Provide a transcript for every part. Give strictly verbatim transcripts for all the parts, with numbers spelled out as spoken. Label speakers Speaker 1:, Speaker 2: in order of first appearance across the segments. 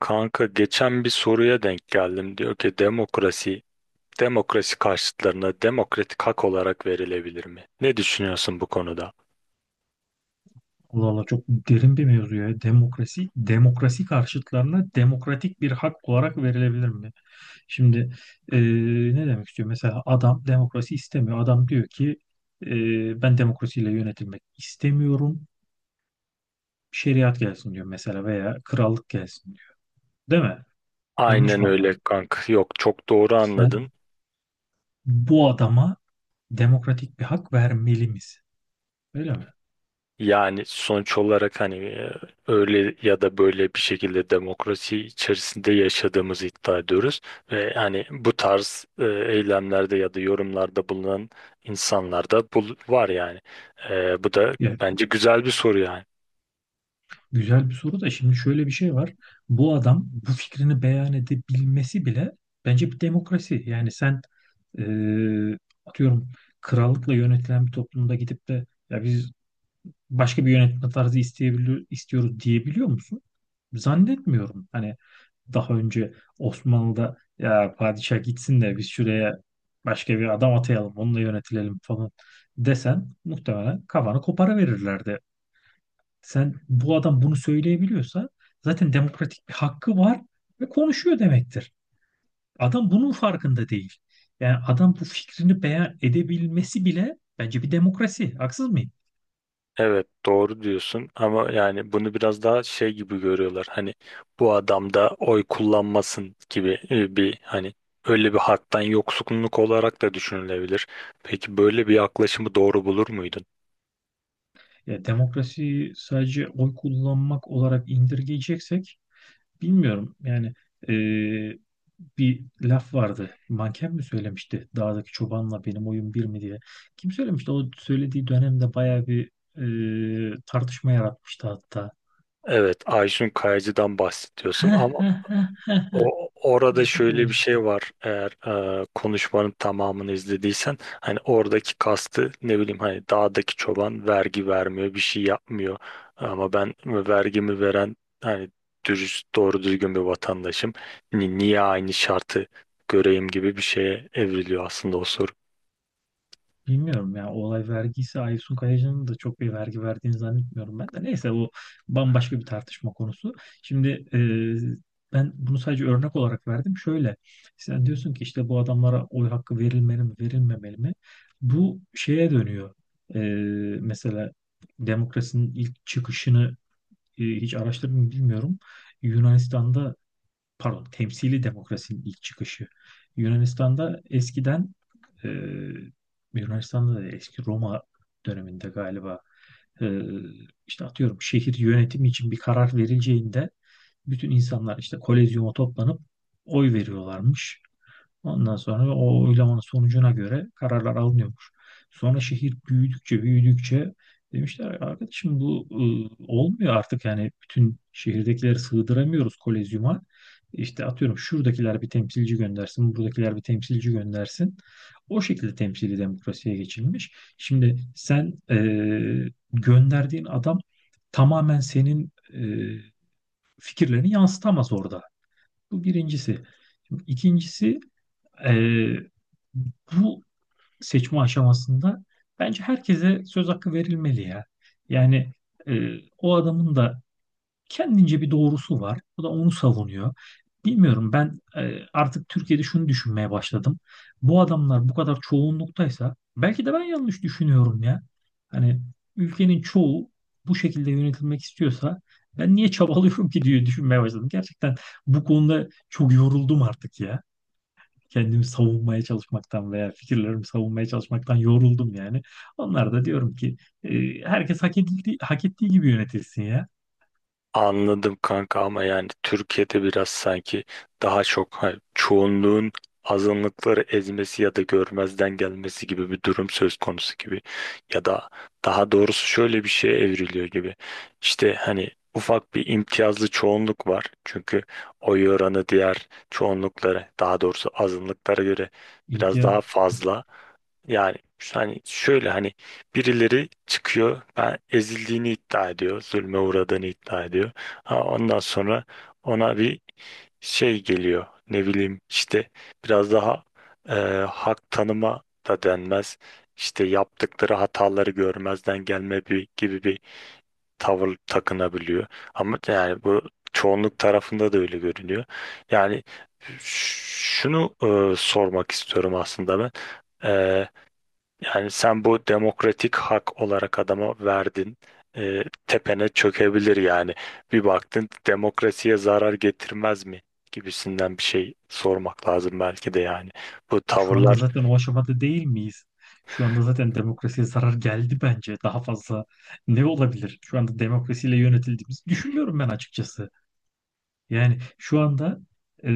Speaker 1: Kanka geçen bir soruya denk geldim. Diyor ki demokrasi, demokrasi karşıtlarına demokratik hak olarak verilebilir mi? Ne düşünüyorsun bu konuda?
Speaker 2: Allah Allah çok derin bir mevzu ya. Demokrasi, demokrasi karşıtlarına demokratik bir hak olarak verilebilir mi? Şimdi eee, ne demek istiyor? Mesela adam demokrasi istemiyor. Adam diyor ki eee, ben demokrasiyle yönetilmek istemiyorum. Şeriat gelsin diyor mesela veya krallık gelsin diyor. Değil mi? Yanlış
Speaker 1: Aynen
Speaker 2: mı
Speaker 1: öyle
Speaker 2: anladım?
Speaker 1: kanka. Yok, çok doğru anladın.
Speaker 2: Sen bu adama demokratik bir hak vermeli misin? Öyle mi?
Speaker 1: Yani sonuç olarak hani e, öyle ya da böyle bir şekilde demokrasi içerisinde yaşadığımızı iddia ediyoruz. Ve hani bu tarz e, eylemlerde ya da yorumlarda bulunan insanlar da bul- var yani. E, bu da
Speaker 2: Ya,
Speaker 1: bence güzel bir soru yani.
Speaker 2: güzel bir soru da şimdi şöyle bir şey var. Bu adam bu fikrini beyan edebilmesi bile bence bir demokrasi. Yani sen eee, atıyorum krallıkla yönetilen bir toplumda gidip de ya biz başka bir yönetme tarzı isteyebiliyor, istiyoruz diyebiliyor musun? Zannetmiyorum. Hani daha önce Osmanlı'da ya padişah gitsin de biz şuraya başka bir adam atayalım onunla yönetilelim falan desen muhtemelen kafanı kopara verirlerdi. Sen bu adam bunu söyleyebiliyorsa zaten demokratik bir hakkı var ve konuşuyor demektir. Adam bunun farkında değil. Yani adam bu fikrini beyan edebilmesi bile bence bir demokrasi. Haksız mıyım?
Speaker 1: Evet, doğru diyorsun ama yani bunu biraz daha şey gibi görüyorlar. Hani bu adam da oy kullanmasın gibi, e, bir hani öyle bir haktan yoksunluk olarak da düşünülebilir. Peki böyle bir yaklaşımı doğru bulur muydun?
Speaker 2: Ya demokrasi sadece oy kullanmak olarak indirgeyeceksek bilmiyorum. Yani eee, bir laf vardı. Manken mi söylemişti? Dağdaki çobanla benim oyun bir mi diye. Kim söylemişti? O söylediği dönemde bayağı bir eee, tartışma yaratmıştı hatta.
Speaker 1: Evet, Ayşun Kayacı'dan bahsediyorsun
Speaker 2: Heh,
Speaker 1: ama
Speaker 2: heh, heh.
Speaker 1: o, orada
Speaker 2: Aysun
Speaker 1: şöyle bir
Speaker 2: Kayacı.
Speaker 1: şey var. Eğer e, konuşmanın tamamını izlediysen hani oradaki kastı ne bileyim, hani dağdaki çoban vergi vermiyor, bir şey yapmıyor. Ama ben vergimi veren hani dürüst, doğru düzgün bir vatandaşım. Ni- Niye aynı şartı göreyim gibi bir şeye evriliyor aslında o soru.
Speaker 2: Bilmiyorum ya, o olay vergisi Aysun Kayacı'nın da çok bir vergi verdiğini zannetmiyorum ben de. Neyse, bu bambaşka bir tartışma konusu. Şimdi e, ben bunu sadece örnek olarak verdim. Şöyle, sen diyorsun ki işte bu adamlara oy hakkı verilmeli mi, verilmemeli mi? Bu şeye dönüyor. E, Mesela demokrasinin ilk çıkışını e, hiç araştırdım mı bilmiyorum. Yunanistan'da, pardon, temsili demokrasinin ilk çıkışı. Yunanistan'da eskiden e, Yunanistan'da da eski Roma döneminde galiba e, işte atıyorum şehir yönetimi için bir karar verileceğinde bütün insanlar işte kolezyuma toplanıp oy veriyorlarmış. Ondan sonra o oylamanın sonucuna göre kararlar alınıyormuş. Sonra şehir büyüdükçe büyüdükçe demişler arkadaşım, bu e, olmuyor artık, yani bütün şehirdekileri sığdıramıyoruz kolezyuma. İşte atıyorum şuradakiler bir temsilci göndersin, buradakiler bir temsilci göndersin. O şekilde temsili demokrasiye geçilmiş. Şimdi sen e, gönderdiğin adam tamamen senin e, fikirlerini yansıtamaz orada. Bu birincisi. Şimdi İkincisi, ee, bu seçme aşamasında bence herkese söz hakkı verilmeli ya. Yani e, o adamın da kendince bir doğrusu var. O da onu savunuyor. Bilmiyorum, ben e, artık Türkiye'de şunu düşünmeye başladım. Bu adamlar bu kadar çoğunluktaysa belki de ben yanlış düşünüyorum ya. Hani ülkenin çoğu bu şekilde yönetilmek istiyorsa ben niye çabalıyorum ki diye düşünmeye başladım. Gerçekten bu konuda çok yoruldum artık ya, kendimi savunmaya çalışmaktan veya fikirlerimi savunmaya çalışmaktan yoruldum yani. Onlar da diyorum ki e, herkes hak edildiği, hak ettiği gibi yönetilsin ya.
Speaker 1: Anladım kanka ama yani Türkiye'de biraz sanki daha çok, ha, çoğunluğun azınlıkları ezmesi ya da görmezden gelmesi gibi bir durum söz konusu gibi, ya da daha doğrusu şöyle bir şeye evriliyor gibi. İşte hani ufak bir imtiyazlı çoğunluk var. Çünkü oy oranı diğer çoğunluklara, daha doğrusu azınlıklara göre biraz
Speaker 2: İmtiyaz
Speaker 1: daha fazla. Yani şu- hani şöyle hani birileri çıkıyor, ben ezildiğini iddia ediyor, zulme uğradığını iddia ediyor. Ha, ondan sonra ona bir şey geliyor, ne bileyim işte, biraz daha e, hak tanıma da denmez. İşte yaptıkları hataları görmezden gelme bir, gibi bir tavır takınabiliyor. Ama yani bu çoğunluk tarafında da öyle görünüyor. Yani ş- şunu e, sormak istiyorum aslında ben. Yani sen bu demokratik hak olarak adama verdin. Ee, tepene çökebilir yani. Bir baktın, demokrasiye zarar getirmez mi gibisinden bir şey sormak lazım belki de yani. Bu
Speaker 2: e, şu anda
Speaker 1: tavırlar
Speaker 2: zaten o aşamada değil miyiz? Şu anda zaten demokrasiye zarar geldi bence. Daha fazla ne olabilir? Şu anda demokrasiyle yönetildiğimizi düşünmüyorum ben açıkçası. Yani şu anda e,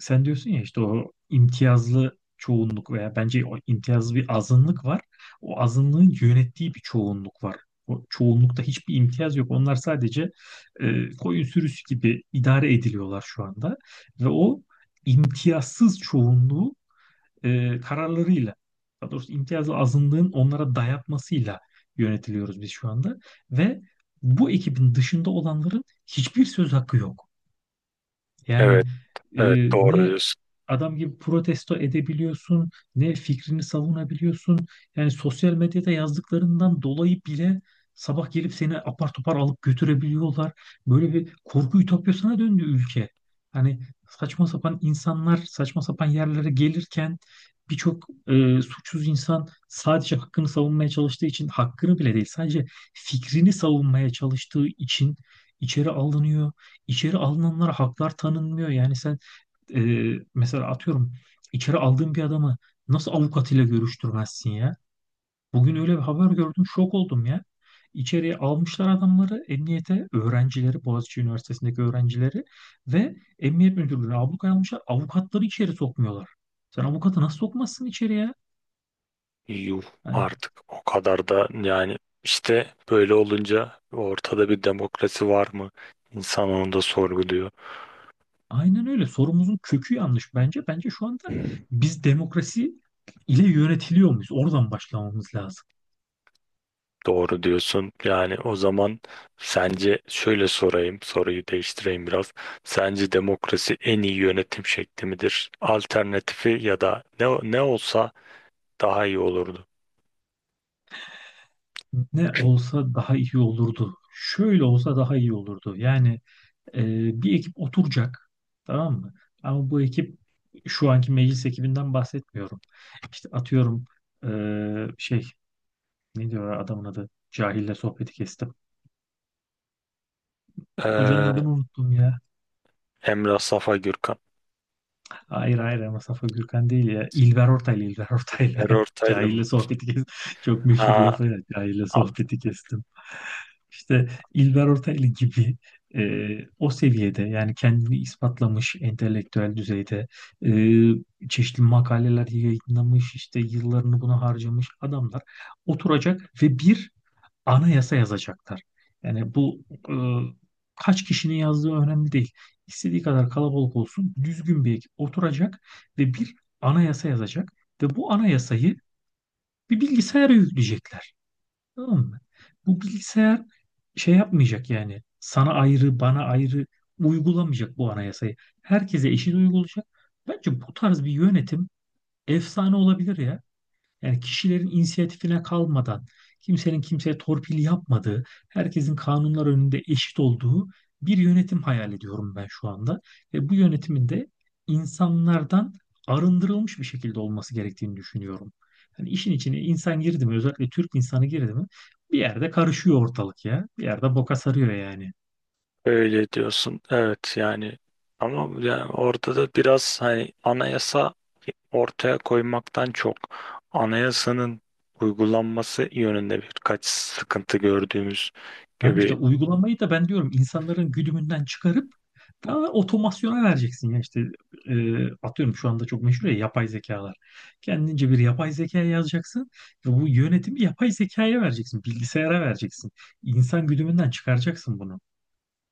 Speaker 2: sen diyorsun ya işte o imtiyazlı çoğunluk, veya bence o imtiyazlı bir azınlık var. O azınlığın yönettiği bir çoğunluk var. O çoğunlukta hiçbir imtiyaz yok. Onlar sadece e, koyun sürüsü gibi idare ediliyorlar şu anda. Ve o imtiyazsız çoğunluğu e, kararlarıyla, daha doğrusu imtiyazlı azınlığın onlara dayatmasıyla yönetiliyoruz biz şu anda. Ve bu ekibin dışında olanların hiçbir söz hakkı yok. Yani
Speaker 1: evet,
Speaker 2: e,
Speaker 1: evet, doğru
Speaker 2: ne
Speaker 1: diyorsun.
Speaker 2: adam gibi protesto edebiliyorsun, ne fikrini savunabiliyorsun. Yani sosyal medyada yazdıklarından dolayı bile sabah gelip seni apar topar alıp götürebiliyorlar. Böyle bir korku ütopyasına döndü ülke. Hani saçma sapan insanlar saçma sapan yerlere gelirken birçok e, suçsuz insan sadece hakkını savunmaya çalıştığı için, hakkını bile değil sadece fikrini savunmaya çalıştığı için içeri alınıyor. İçeri alınanlara haklar tanınmıyor. Yani sen e, mesela atıyorum içeri aldığın bir adamı nasıl avukatıyla görüştürmezsin ya? Bugün öyle bir haber gördüm, şok oldum ya. İçeriye almışlar adamları, emniyete öğrencileri, Boğaziçi Üniversitesi'ndeki öğrencileri ve emniyet müdürlüğüne ablukaya almışlar. Avukatları içeri sokmuyorlar. Sen avukatı nasıl sokmazsın içeriye?
Speaker 1: Yuh,
Speaker 2: Hani
Speaker 1: artık o kadar da yani, işte böyle olunca ortada bir demokrasi var mı? İnsan onu da sorguluyor.
Speaker 2: aynen öyle. Sorumuzun kökü yanlış bence. Bence şu anda biz demokrasi ile yönetiliyor muyuz? Oradan başlamamız lazım.
Speaker 1: Doğru diyorsun. Yani o zaman sence şöyle sorayım, soruyu değiştireyim biraz. Sence demokrasi en iyi yönetim şekli midir? Alternatifi ya da ne, ne olsa daha iyi olurdu.
Speaker 2: Ne olsa daha iyi olurdu. Şöyle olsa daha iyi olurdu. Yani e, bir ekip oturacak. Tamam mı? Ama bu ekip, şu anki meclis ekibinden bahsetmiyorum. İşte atıyorum e, şey, ne diyor adamın adı? Cahille sohbeti kestim. Hocanın
Speaker 1: Ee,
Speaker 2: adını unuttum ya.
Speaker 1: Emrah Safa Gürkan.
Speaker 2: Hayır hayır, ama Safa Gürkan değil ya. İlber Ortaylı, İlber Ortaylı.
Speaker 1: İlker Ortaylı mı?
Speaker 2: Cahille sohbeti kestim. Çok meşhur lafı
Speaker 1: Ha,
Speaker 2: ya. Cahille sohbeti kestim. İşte İlber Ortaylı gibi e, o seviyede, yani kendini ispatlamış entelektüel düzeyde e, çeşitli makaleler yayınlamış, işte yıllarını buna harcamış adamlar oturacak ve bir anayasa yazacaklar. Yani bu e, kaç kişinin yazdığı önemli değil. İstediği kadar kalabalık olsun, düzgün bir ekip oturacak ve bir anayasa yazacak ve bu anayasayı bir bilgisayara yükleyecekler. Tamam mı? Bu bilgisayar şey yapmayacak, yani sana ayrı, bana ayrı uygulamayacak bu anayasayı. Herkese eşit uygulayacak. Bence bu tarz bir yönetim efsane olabilir ya. Yani kişilerin inisiyatifine kalmadan, kimsenin kimseye torpil yapmadığı, herkesin kanunlar önünde eşit olduğu bir yönetim hayal ediyorum ben şu anda. Ve bu yönetimin de insanlardan arındırılmış bir şekilde olması gerektiğini düşünüyorum. Hani işin içine insan girdi mi, özellikle Türk insanı girdi mi, bir yerde karışıyor ortalık ya. Bir yerde boka sarıyor yani.
Speaker 1: öyle diyorsun. Evet yani, ama yani orada da biraz hani anayasa ortaya koymaktan çok anayasanın uygulanması yönünde birkaç sıkıntı gördüğümüz
Speaker 2: Tamam,
Speaker 1: gibi
Speaker 2: işte uygulamayı da ben diyorum insanların güdümünden çıkarıp daha otomasyona vereceksin ya. İşte e, atıyorum şu anda çok meşhur ya yapay zekalar. Kendince bir yapay zeka yazacaksın ve bu yönetimi yapay zekaya vereceksin, bilgisayara vereceksin. İnsan güdümünden çıkaracaksın bunu.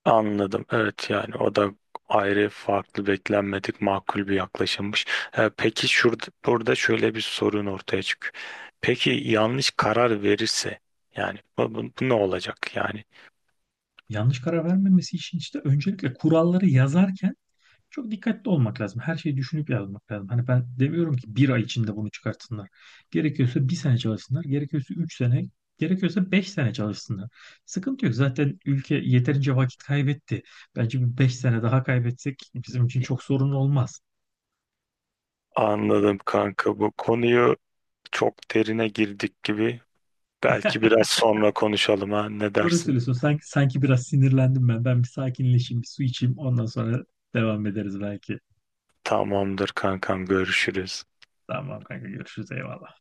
Speaker 1: anladım. Evet yani o da ayrı, farklı, beklenmedik, makul bir yaklaşımmış. Ee, peki şurada burada şöyle bir sorun ortaya çıkıyor. Peki yanlış karar verirse, yani bu, bu- bu ne olacak yani?
Speaker 2: Yanlış karar vermemesi için işte öncelikle kuralları yazarken çok dikkatli olmak lazım. Her şeyi düşünüp yazmak lazım. Hani ben demiyorum ki bir ay içinde bunu çıkartsınlar. Gerekiyorsa bir sene çalışsınlar. Gerekiyorsa üç sene. Gerekiyorsa beş sene çalışsınlar. Sıkıntı yok. Zaten ülke yeterince vakit kaybetti. Bence bir beş sene daha kaybetsek bizim için çok sorun olmaz.
Speaker 1: Anladım kanka, bu konuyu çok derine girdik gibi. Belki biraz sonra konuşalım, ha, ne
Speaker 2: Doğru
Speaker 1: dersin?
Speaker 2: söylüyorsun. Sanki, sanki biraz sinirlendim ben. Ben bir sakinleşeyim, bir su içeyim. Ondan sonra devam ederiz belki.
Speaker 1: Tamamdır kankam, görüşürüz.
Speaker 2: Tamam kanka, görüşürüz. Eyvallah.